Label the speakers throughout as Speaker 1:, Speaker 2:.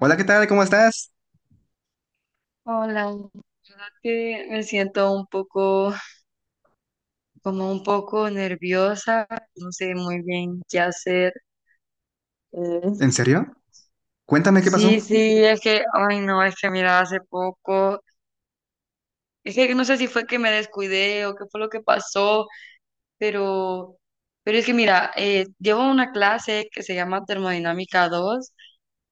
Speaker 1: Hola, ¿qué tal? ¿Cómo estás?
Speaker 2: Hola, que me siento un poco, como un poco nerviosa, no sé muy bien qué hacer.
Speaker 1: ¿En
Speaker 2: Eh,
Speaker 1: serio? Cuéntame qué pasó.
Speaker 2: sí, sí, es que, ay no, es que mira, hace poco, es que no sé si fue que me descuidé o qué fue lo que pasó, pero, pero es que mira, llevo una clase que se llama Termodinámica dos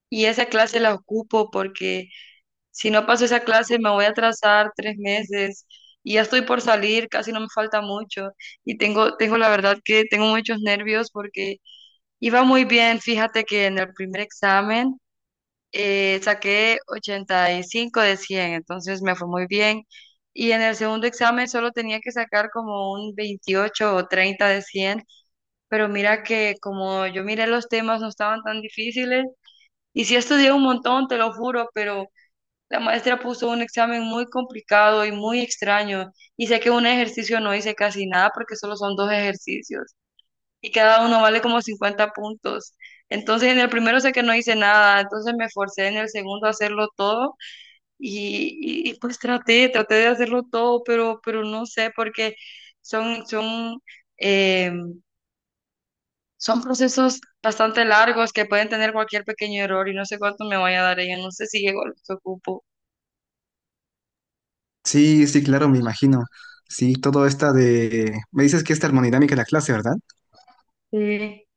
Speaker 2: y esa clase la ocupo porque si no paso esa clase, me voy a atrasar tres meses y ya estoy por salir, casi no me falta mucho. Y tengo la verdad que tengo muchos nervios porque iba muy bien. Fíjate que en el primer examen saqué 85 de 100, entonces me fue muy bien. Y en el segundo examen solo tenía que sacar como un 28 o 30 de 100, pero mira que como yo miré los temas, no estaban tan difíciles. Y sí estudié un montón, te lo juro, pero la maestra puso un examen muy complicado y muy extraño, y sé que un ejercicio no hice casi nada, porque solo son dos ejercicios y cada uno vale como 50 puntos. Entonces en el primero sé que no hice nada, entonces me forcé en el segundo a hacerlo todo y pues traté de hacerlo todo, pero no sé porque son, son, eh, son procesos bastante largos que pueden tener cualquier pequeño error, y no sé cuánto me vaya a dar ella, no sé si llego a lo que ocupo.
Speaker 1: Sí, sí, claro, me imagino. Sí, me dices que es termodinámica la clase, ¿verdad?
Speaker 2: Sí.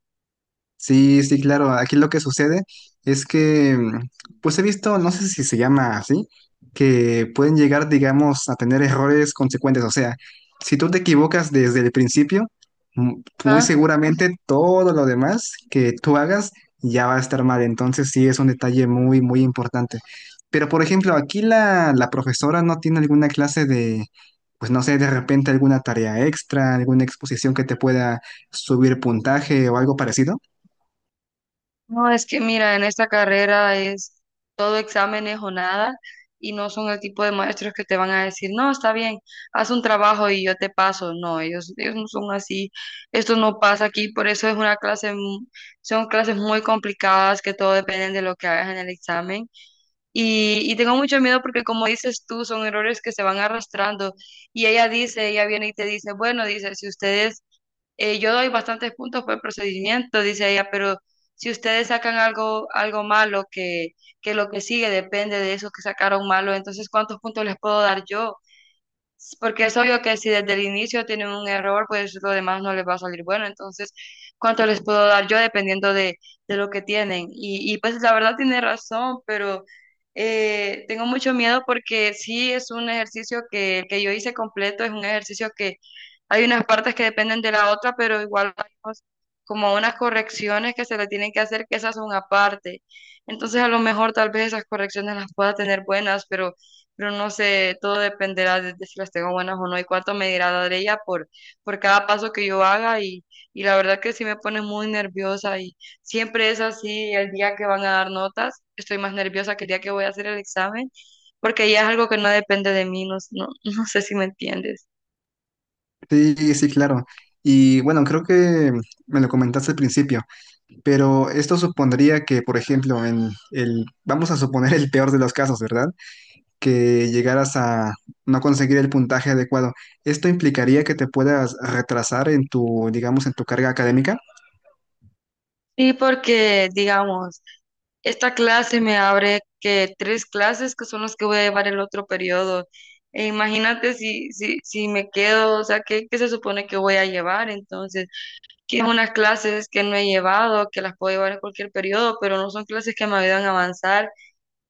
Speaker 1: Sí, sí, claro. Aquí lo que sucede es que, pues he visto, no sé si se llama así, que pueden llegar, digamos, a tener errores consecuentes. O sea, si tú te equivocas desde el principio, muy
Speaker 2: Ah.
Speaker 1: seguramente todo lo demás que tú hagas ya va a estar mal. Entonces sí es un detalle muy, muy importante. Pero, por ejemplo, aquí la profesora no tiene alguna clase de, pues no sé, de repente alguna tarea extra, alguna exposición que te pueda subir puntaje o algo parecido.
Speaker 2: No, es que mira, en esta carrera es todo exámenes o nada, y no son el tipo de maestros que te van a decir, no, está bien, haz un trabajo y yo te paso. No, ellos no son así. Esto no pasa aquí, por eso es una clase, son clases muy complicadas que todo depende de lo que hagas en el examen. Y tengo mucho miedo porque como dices tú, son errores que se van arrastrando, y ella dice, ella viene y te dice, bueno, dice, si ustedes yo doy bastantes puntos por el procedimiento, dice ella, pero si ustedes sacan algo, algo malo, que lo que sigue depende de eso que sacaron malo, entonces, ¿cuántos puntos les puedo dar yo? Porque es obvio que si desde el inicio tienen un error, pues lo demás no les va a salir bueno. Entonces, ¿cuánto les puedo dar yo dependiendo de lo que tienen? Pues la verdad tiene razón, pero tengo mucho miedo porque sí es un ejercicio que yo hice completo, es un ejercicio que hay unas partes que dependen de la otra, pero igual hay cosas como unas correcciones que se le tienen que hacer, que esas son aparte. Entonces, a lo mejor tal vez esas correcciones las pueda tener buenas, pero no sé, todo dependerá de si las tengo buenas o no, y cuánto me dirá dar ella por cada paso que yo haga, y la verdad que sí me pone muy nerviosa, y siempre es así, el día que van a dar notas, estoy más nerviosa que el día que voy a hacer el examen, porque ya es algo que no depende de mí, no, no, no sé si me entiendes.
Speaker 1: Sí, sí, claro. Y bueno, creo que me lo comentaste al principio, pero esto supondría que, por ejemplo, vamos a suponer el peor de los casos, ¿verdad? Que llegaras a no conseguir el puntaje adecuado. ¿Esto implicaría que te puedas retrasar en tu, digamos, en tu carga académica?
Speaker 2: Sí, porque digamos, esta clase me abre que tres clases que son las que voy a llevar el otro periodo. E imagínate si me quedo, o sea, ¿qué se supone que voy a llevar? Entonces, que unas clases que no he llevado, que las puedo llevar en cualquier periodo, pero no son clases que me ayudan a avanzar,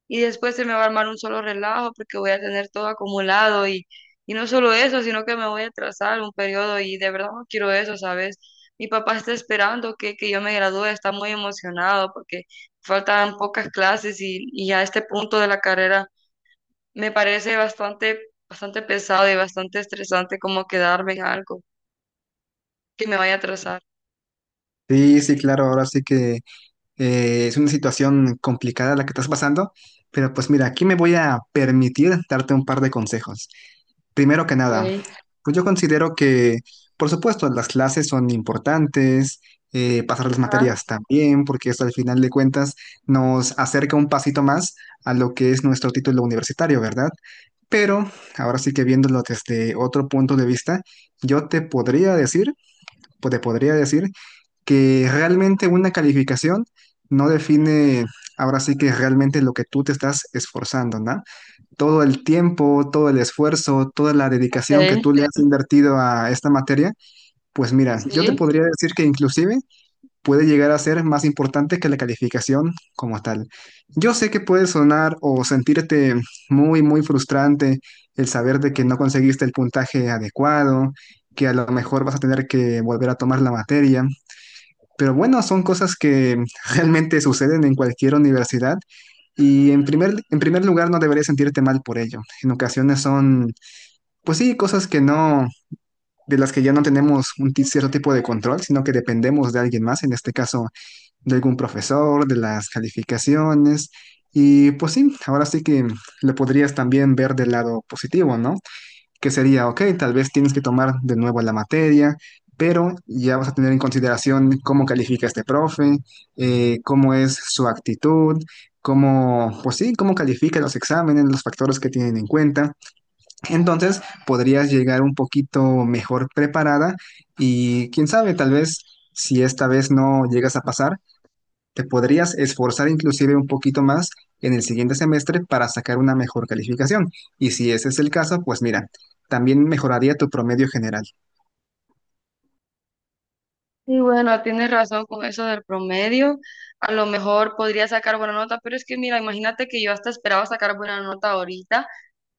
Speaker 2: y después se me va a armar un solo relajo porque voy a tener todo acumulado, y no solo eso, sino que me voy a atrasar un periodo, y de verdad no quiero eso, ¿sabes? Mi papá está esperando que yo me gradúe, está muy emocionado porque faltan pocas clases, y a este punto de la carrera me parece bastante, bastante pesado y bastante estresante como quedarme en algo que me vaya a atrasar.
Speaker 1: Sí, sí, claro, ahora sí que es una situación complicada la que estás pasando, pero pues mira, aquí me voy a permitir darte un par de consejos. Primero que nada,
Speaker 2: Okay.
Speaker 1: pues yo considero que, por supuesto, las clases son importantes, pasar las
Speaker 2: Ajá,
Speaker 1: materias también, porque eso al final de cuentas nos acerca un pasito más a lo que es nuestro título universitario, ¿verdad? Pero ahora sí que viéndolo desde otro punto de vista, yo te podría decir, pues te podría decir que realmente una calificación no define ahora sí que realmente lo que tú te estás esforzando, ¿no? Todo el tiempo, todo el esfuerzo, toda la dedicación que
Speaker 2: okay.
Speaker 1: tú le has invertido a esta materia, pues mira, yo te
Speaker 2: Sí.
Speaker 1: podría decir que inclusive puede llegar a ser más importante que la calificación como tal. Yo sé que puede sonar o sentirte muy, muy frustrante el saber de que no conseguiste el puntaje adecuado, que a lo mejor vas a tener que volver a tomar la materia. Pero bueno, son cosas que realmente suceden en cualquier universidad y en primer lugar, no deberías sentirte mal por ello. En ocasiones son, pues sí, cosas que no, de las que ya no tenemos un cierto tipo de control, sino que dependemos de alguien más, en este caso de algún profesor, de las calificaciones. Y pues sí, ahora sí que lo podrías también ver del lado positivo, ¿no? Que sería, ok, tal vez tienes que tomar de nuevo la materia, pero ya vas a tener en consideración cómo califica este profe, cómo es su actitud, cómo, pues sí, cómo califica los exámenes, los factores que tienen en cuenta. Entonces podrías llegar un poquito mejor preparada y quién sabe, tal vez si esta vez no llegas a pasar, te podrías esforzar inclusive un poquito más en el siguiente semestre para sacar una mejor calificación. Y si ese es el caso, pues mira, también mejoraría tu promedio general.
Speaker 2: Y bueno, tienes razón con eso del promedio. A lo mejor podría sacar buena nota, pero es que mira, imagínate que yo hasta esperaba sacar buena nota ahorita,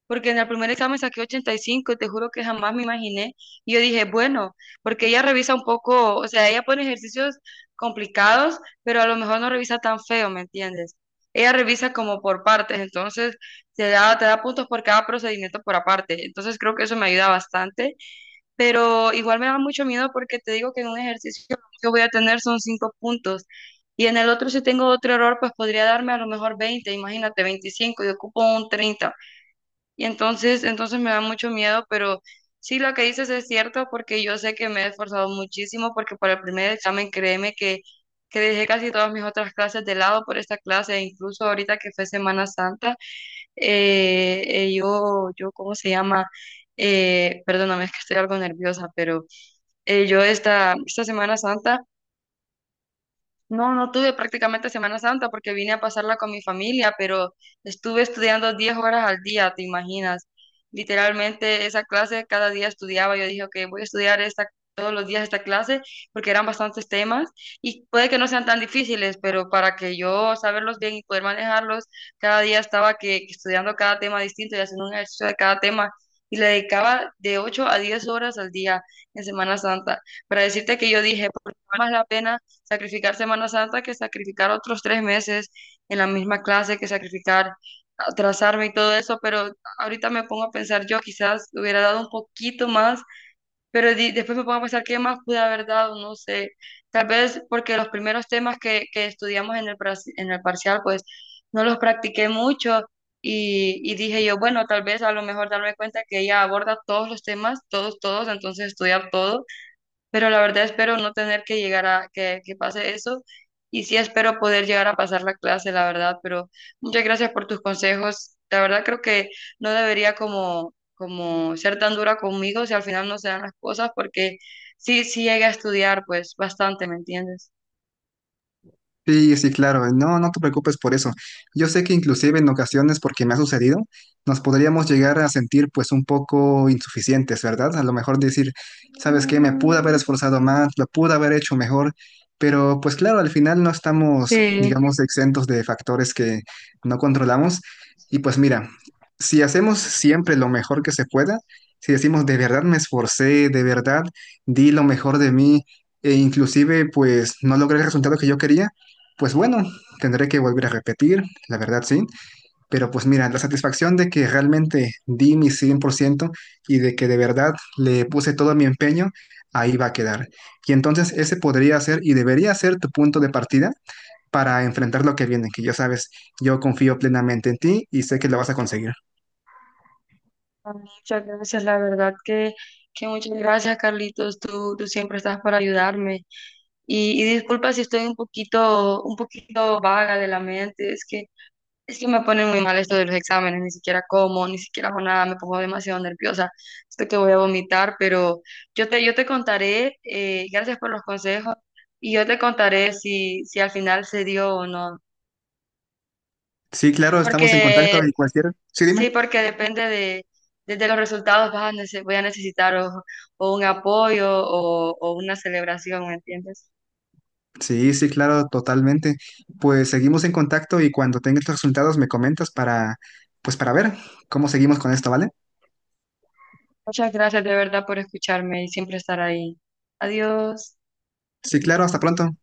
Speaker 2: porque en el primer examen saqué 85 y cinco y te juro que jamás me imaginé. Y yo dije, bueno, porque ella revisa un poco, o sea, ella pone ejercicios complicados, pero a lo mejor no revisa tan feo, ¿me entiendes? Ella revisa como por partes, entonces te da puntos por cada procedimiento por aparte. Entonces creo que eso me ayuda bastante, pero igual me da mucho miedo porque te digo que en un ejercicio que voy a tener son cinco puntos, y en el otro si tengo otro error, pues podría darme a lo mejor 20, imagínate, 25, y ocupo un 30, y entonces me da mucho miedo, pero sí, lo que dices es cierto porque yo sé que me he esforzado muchísimo, porque para el primer examen, créeme que dejé casi todas mis otras clases de lado por esta clase, e incluso ahorita que fue Semana Santa, ¿cómo se llama? Perdóname, es que estoy algo nerviosa, pero yo esta Semana Santa no tuve prácticamente Semana Santa porque vine a pasarla con mi familia, pero estuve estudiando 10 horas al día, ¿te imaginas? Literalmente esa clase cada día estudiaba. Yo dije, ok, voy a estudiar esta, todos los días esta clase, porque eran bastantes temas y puede que no sean tan difíciles, pero para que yo saberlos bien y poder manejarlos, cada día estaba que estudiando cada tema distinto y haciendo un ejercicio de cada tema. Y le dedicaba de 8 a 10 horas al día en Semana Santa. Para decirte que yo dije, por más la pena sacrificar Semana Santa que sacrificar otros tres meses en la misma clase, que sacrificar atrasarme y todo eso, pero ahorita me pongo a pensar, yo quizás hubiera dado un poquito más, pero después me pongo a pensar qué más pude haber dado, no sé, tal vez porque los primeros temas que estudiamos en el, en el parcial, pues no los practiqué mucho, y dije yo, bueno, tal vez a lo mejor darme cuenta que ella aborda todos los temas, todos, todos, entonces estudiar todo, pero la verdad espero no tener que llegar a que pase eso, y sí espero poder llegar a pasar la clase, la verdad, pero muchas gracias por tus consejos. La verdad creo que no debería como, como ser tan dura conmigo si al final no se dan las cosas, porque sí, sí llegué a estudiar pues bastante, ¿me entiendes?
Speaker 1: Sí, sí, claro. No, no te preocupes por eso. Yo sé que inclusive en ocasiones, porque me ha sucedido, nos podríamos llegar a sentir pues un poco insuficientes, ¿verdad? A lo mejor decir, ¿sabes qué? Me pude haber esforzado más, lo pude haber hecho mejor, pero pues claro, al final no estamos,
Speaker 2: Sí.
Speaker 1: digamos, exentos de factores que no controlamos. Y pues mira, si hacemos siempre lo mejor que se pueda, si decimos, de verdad me esforcé, de verdad di lo mejor de mí, e inclusive pues no logré el resultado que yo quería, pues bueno, tendré que volver a repetir, la verdad sí, pero pues mira, la satisfacción de que realmente di mi 100% y de que de verdad le puse todo mi empeño, ahí va a quedar. Y entonces ese podría ser y debería ser tu punto de partida para enfrentar lo que viene, que ya sabes, yo confío plenamente en ti y sé que lo vas a conseguir.
Speaker 2: Muchas gracias, la verdad que muchas gracias, Carlitos. Tú siempre estás para ayudarme. Y disculpa si estoy un poquito vaga de la mente, es que es que me ponen muy mal esto de los exámenes, ni siquiera como, ni siquiera hago nada, me pongo demasiado nerviosa. Esto que voy a vomitar, pero yo te contaré, gracias por los consejos, y yo te contaré si al final se dio o no.
Speaker 1: Sí, claro, estamos en contacto
Speaker 2: Porque,
Speaker 1: y cualquier. Sí, dime.
Speaker 2: sí, porque depende de, desde los resultados, vas a voy a necesitar o, o un apoyo o una celebración, ¿me entiendes?
Speaker 1: Sí, sí, claro, totalmente. Pues seguimos en contacto y cuando tengas los resultados me comentas para, pues para ver cómo seguimos con esto, ¿vale?
Speaker 2: Muchas gracias de verdad por escucharme y siempre estar ahí. Adiós.
Speaker 1: Sí, claro, hasta pronto.